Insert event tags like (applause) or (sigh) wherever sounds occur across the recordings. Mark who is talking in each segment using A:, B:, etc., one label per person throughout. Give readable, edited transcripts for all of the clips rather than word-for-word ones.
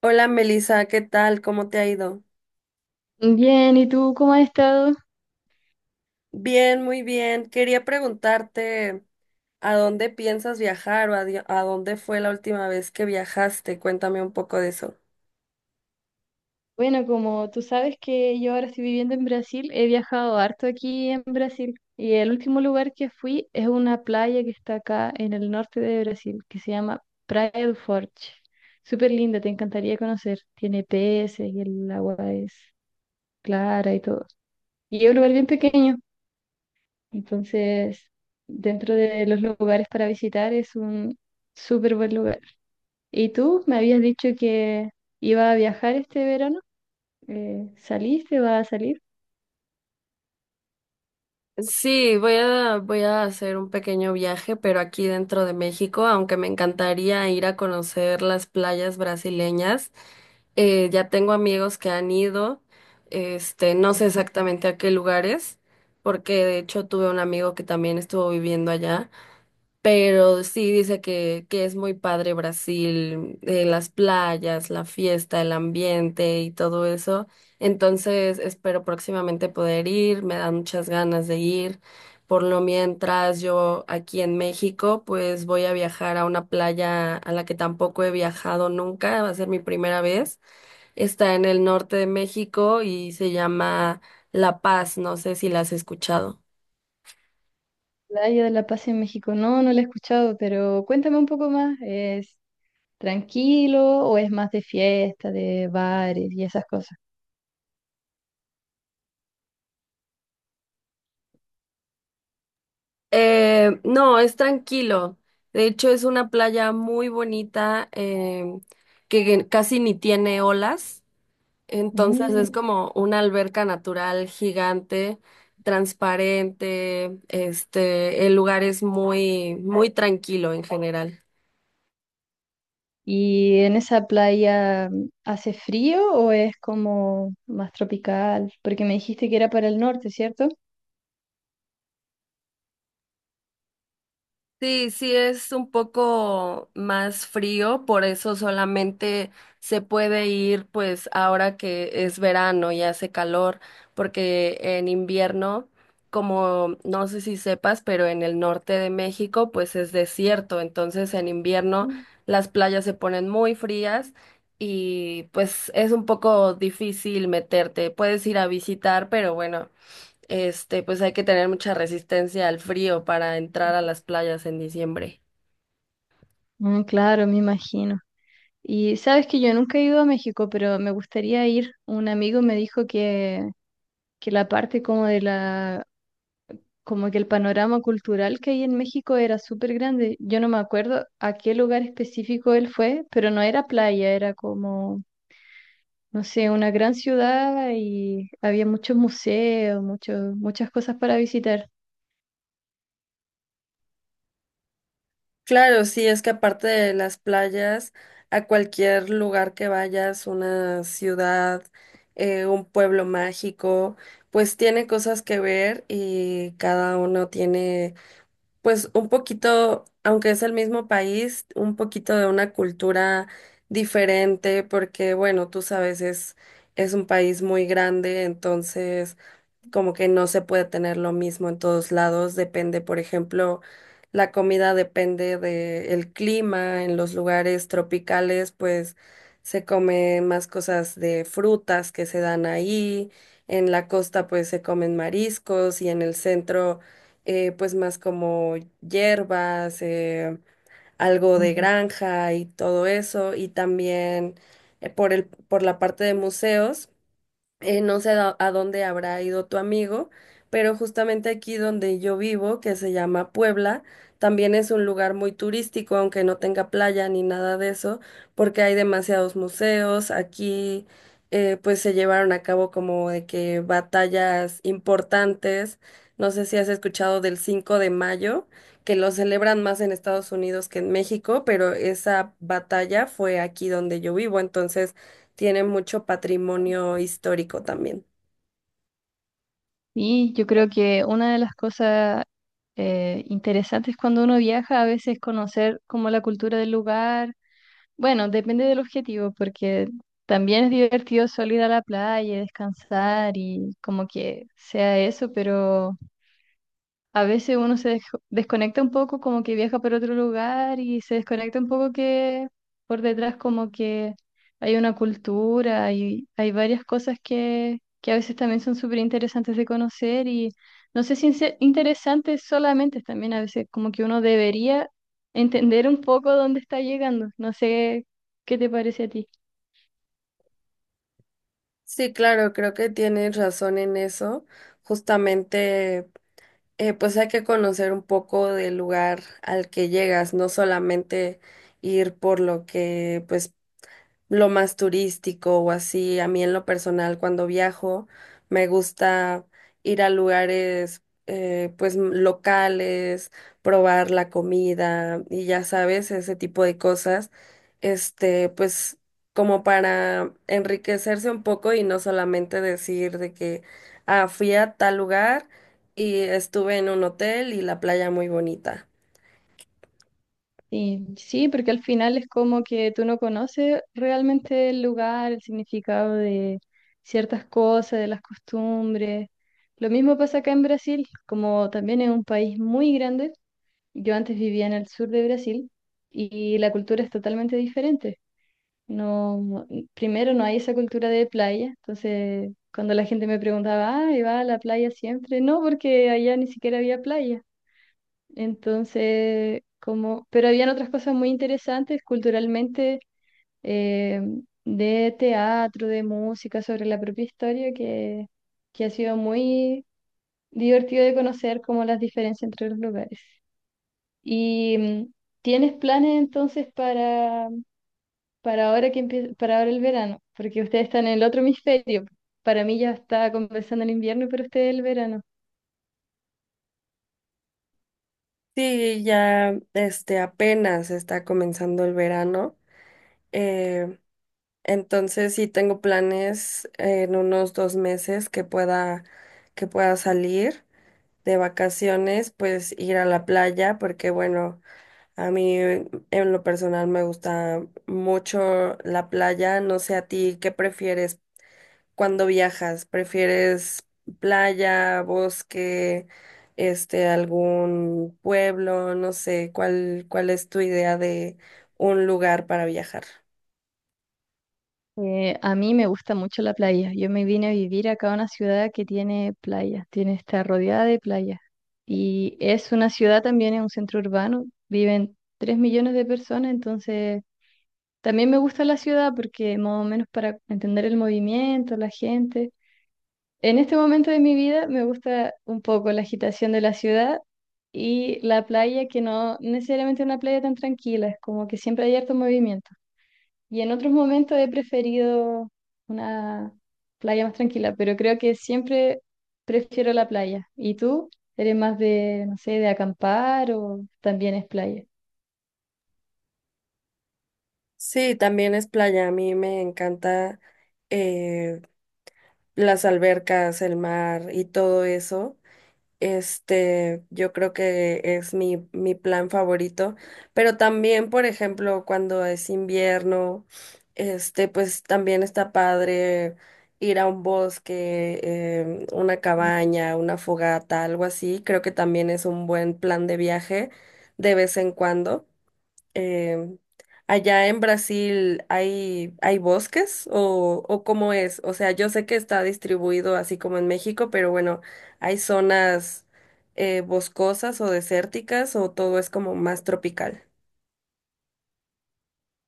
A: Hola Melissa, ¿qué tal? ¿Cómo te ha ido?
B: Bien, ¿y tú cómo has estado?
A: Bien, muy bien. Quería preguntarte a dónde piensas viajar a dónde fue la última vez que viajaste. Cuéntame un poco de eso.
B: Bueno, como tú sabes que yo ahora estoy viviendo en Brasil, he viajado harto aquí en Brasil y el último lugar que fui es una playa que está acá en el norte de Brasil, que se llama Praia do Forte. Súper linda, te encantaría conocer. Tiene peces y el agua es clara y todo. Y es un lugar bien pequeño, entonces dentro de los lugares para visitar es un súper buen lugar. ¿Y tú me habías dicho que iba a viajar este verano? ¿Saliste? ¿Va a salir?
A: Sí, voy a hacer un pequeño viaje, pero aquí dentro de México, aunque me encantaría ir a conocer las playas brasileñas. Ya tengo amigos que han ido, no sé exactamente a qué lugares, porque de hecho tuve un amigo que también estuvo viviendo allá, pero sí dice que es muy padre Brasil, las playas, la fiesta, el ambiente y todo eso. Entonces espero próximamente poder ir, me dan muchas ganas de ir. Por lo mientras yo aquí en México, pues voy a viajar a una playa a la que tampoco he viajado nunca, va a ser mi primera vez. Está en el norte de México y se llama La Paz, no sé si la has escuchado.
B: Playa de la Paz en México. No, no la he escuchado, pero cuéntame un poco más. ¿Es tranquilo o es más de fiesta, de bares y esas cosas?
A: No, es tranquilo. De hecho, es una playa muy bonita que casi ni tiene olas. Entonces es
B: Mm.
A: como una alberca natural gigante, transparente. El lugar es muy, muy tranquilo en general.
B: ¿Y en esa playa hace frío o es como más tropical? Porque me dijiste que era para el norte, ¿cierto?
A: Sí, sí es un poco más frío, por eso solamente se puede ir pues ahora que es verano y hace calor, porque en invierno, como no sé si sepas, pero en el norte de México pues es desierto, entonces en invierno
B: Mm.
A: las playas se ponen muy frías y pues es un poco difícil meterte. Puedes ir a visitar, pero bueno pues hay que tener mucha resistencia al frío para entrar a las playas en diciembre.
B: Mm, claro, me imagino. Y sabes que yo nunca he ido a México, pero me gustaría ir. Un amigo me dijo que la parte como de la como que el panorama cultural que hay en México era súper grande. Yo no me acuerdo a qué lugar específico él fue, pero no era playa, era como, no sé, una gran ciudad y había muchos museos, muchos, muchas cosas para visitar.
A: Claro, sí, es que aparte de las playas, a cualquier lugar que vayas, una ciudad, un pueblo mágico, pues tiene cosas que ver y cada uno tiene, pues un poquito, aunque es el mismo país, un poquito de una cultura diferente, porque bueno, tú sabes, es un país muy grande, entonces como que no se puede tener lo mismo en todos lados, depende, por ejemplo, la comida depende del clima, en los lugares tropicales, pues se comen más cosas de frutas que se dan ahí, en la costa pues se comen mariscos y en el centro pues más como hierbas, algo de
B: Ujú.
A: granja y todo eso, y también por la parte de museos, no sé a dónde habrá ido tu amigo, pero justamente aquí donde yo vivo, que se llama Puebla, también es un lugar muy turístico, aunque no tenga playa ni nada de eso, porque hay demasiados museos. Aquí, pues se llevaron a cabo como de que batallas importantes. No sé si has escuchado del 5 de mayo, que lo celebran más en Estados Unidos que en México, pero esa batalla fue aquí donde yo vivo, entonces tiene mucho patrimonio histórico también.
B: Y yo creo que una de las cosas interesantes cuando uno viaja a veces es conocer como la cultura del lugar. Bueno, depende del objetivo, porque también es divertido solo ir a la playa, descansar y como que sea eso, pero a veces uno desconecta un poco, como que viaja por otro lugar y se desconecta un poco, que por detrás como que hay una cultura y hay varias cosas que a veces también son súper interesantes de conocer, y no sé si en ser interesantes solamente, también a veces como que uno debería entender un poco dónde está llegando. No sé qué te parece a ti.
A: Sí, claro, creo que tienes razón en eso. Justamente, pues hay que conocer un poco del lugar al que llegas, no solamente ir por lo que pues lo más turístico o así. A mí en lo personal, cuando viajo, me gusta ir a lugares, pues locales, probar la comida y ya sabes, ese tipo de cosas. Pues como para enriquecerse un poco y no solamente decir de que, ah, fui a tal lugar y estuve en un hotel y la playa muy bonita.
B: Sí, sí, porque al final es como que tú no conoces realmente el lugar, el significado de ciertas cosas, de las costumbres. Lo mismo pasa acá en Brasil, como también es un país muy grande. Yo antes vivía en el sur de Brasil y la cultura es totalmente diferente. No, no, primero no hay esa cultura de playa, entonces cuando la gente me preguntaba, ah, ¿y va a la playa siempre? No, porque allá ni siquiera había playa. Entonces, como, pero habían otras cosas muy interesantes culturalmente, eh, de teatro, de música, sobre la propia historia, que ha sido muy divertido de conocer como las diferencias entre los lugares. ¿Y tienes planes entonces para ahora para ahora el verano? Porque ustedes están en el otro (laughs) hemisferio. Para mí ya está comenzando el invierno, pero ustedes el verano.
A: Sí, ya apenas está comenzando el verano. eh, Entonces sí tengo planes en unos dos meses que pueda salir de vacaciones, pues ir a la playa, porque bueno, a mí en lo personal me gusta mucho la playa. No sé a ti, ¿qué prefieres cuando viajas? ¿Prefieres playa, bosque, algún pueblo? No sé, ¿cuál es tu idea de un lugar para viajar?
B: A mí me gusta mucho la playa. Yo me vine a vivir acá a una ciudad que tiene playa, tiene, está rodeada de playas. Y es una ciudad también, es un centro urbano, viven 3 millones de personas, entonces también me gusta la ciudad porque más o menos para entender el movimiento, la gente. En este momento de mi vida me gusta un poco la agitación de la ciudad y la playa, que no necesariamente es una playa tan tranquila, es como que siempre hay harto movimiento. Y en otros momentos he preferido una playa más tranquila, pero creo que siempre prefiero la playa. ¿Y tú? ¿Eres más de, no sé, de acampar o también es playa?
A: Sí, también es playa. A mí me encanta, eh, las albercas, el mar y todo eso. Yo creo que es mi plan favorito. Pero también, por ejemplo, cuando es invierno, pues también está padre ir a un bosque, una cabaña, una fogata, algo así. Creo que también es un buen plan de viaje de vez en cuando. Eh, Allá en Brasil hay bosques o ¿cómo es? O sea, yo sé que está distribuido así como en México, pero bueno, ¿hay zonas, boscosas o desérticas o todo es como más tropical?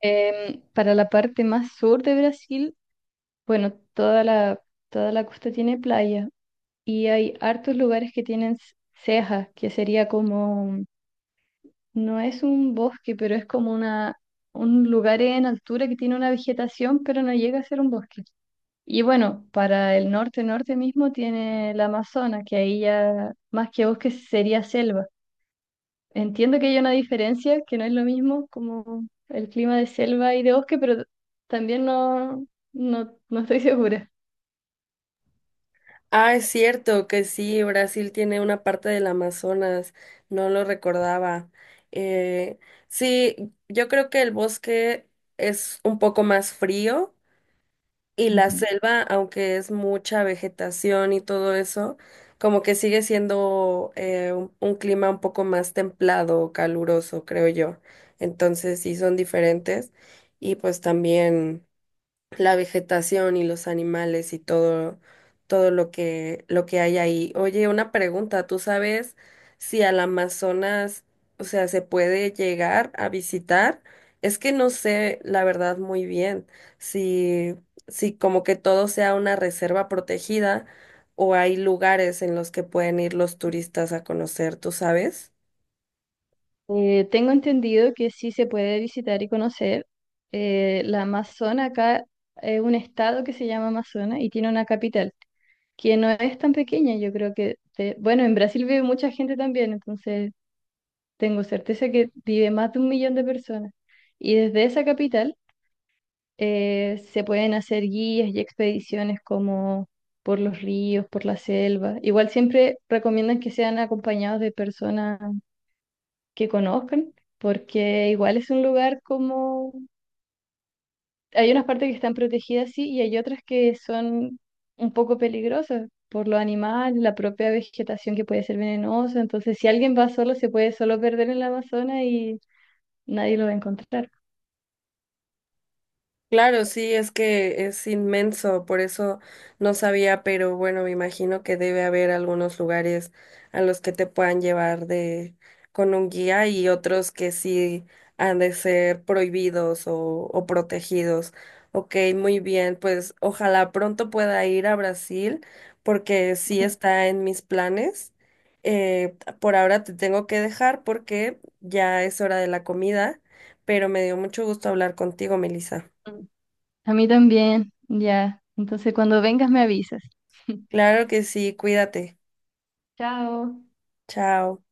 B: Para la parte más sur de Brasil, bueno, toda la costa tiene playa y hay hartos lugares que tienen cejas, que sería como, no es un bosque, pero es como una, un lugar en altura que tiene una vegetación, pero no llega a ser un bosque. Y bueno, para el norte, norte mismo tiene el Amazonas, que ahí ya más que bosque sería selva. Entiendo que hay una diferencia, que no es lo mismo como el clima de selva y de bosque, pero también no estoy (laughs) segura.
A: Ah, es cierto que sí, Brasil tiene una parte del Amazonas, no lo recordaba. Eh, sí, yo creo que el bosque es un poco más frío. Y la
B: Ujú.
A: selva, aunque es mucha vegetación y todo eso, como que sigue siendo, un clima un poco más templado, caluroso, creo yo. Entonces sí son diferentes. Y pues también la vegetación y los animales y todo, todo lo lo que hay ahí. Oye, una pregunta, ¿tú sabes si al Amazonas, o sea, se puede llegar a visitar? Es que no sé, la verdad, muy bien, si, si como que todo sea una reserva protegida o hay lugares en los que pueden ir los turistas a conocer, ¿tú sabes?
B: Tengo entendido que sí se puede visitar y conocer. La Amazonas acá es un estado que se llama Amazonas y tiene una capital que no es tan pequeña. Yo creo bueno, en Brasil vive mucha gente también, entonces tengo certeza que vive más de 1 millón de personas. Y desde esa capital se pueden hacer guías y expediciones como por los ríos, por la selva. Igual siempre recomiendan que sean acompañados de personas que conozcan, porque igual es un lugar como... Hay unas partes que están protegidas, sí, y hay otras que son un poco peligrosas por los animales, la propia vegetación que puede ser venenosa. Entonces, si alguien va solo, se puede solo perder en la Amazonas y nadie lo va a encontrar.
A: Claro, sí, es que es inmenso, por eso no sabía, pero bueno, me imagino que debe haber algunos lugares a los que te puedan llevar de con un guía y otros que sí han de ser prohibidos o protegidos. Ok, muy bien, pues ojalá pronto pueda ir a Brasil porque sí
B: Ujú.
A: está en mis planes. Por ahora te tengo que dejar porque ya es hora de la comida, pero me dio mucho gusto hablar contigo, Melissa.
B: A mí también, ya. Entonces, cuando vengas me avisas. (laughs)
A: Claro que sí, cuídate.
B: Chao.
A: Chao.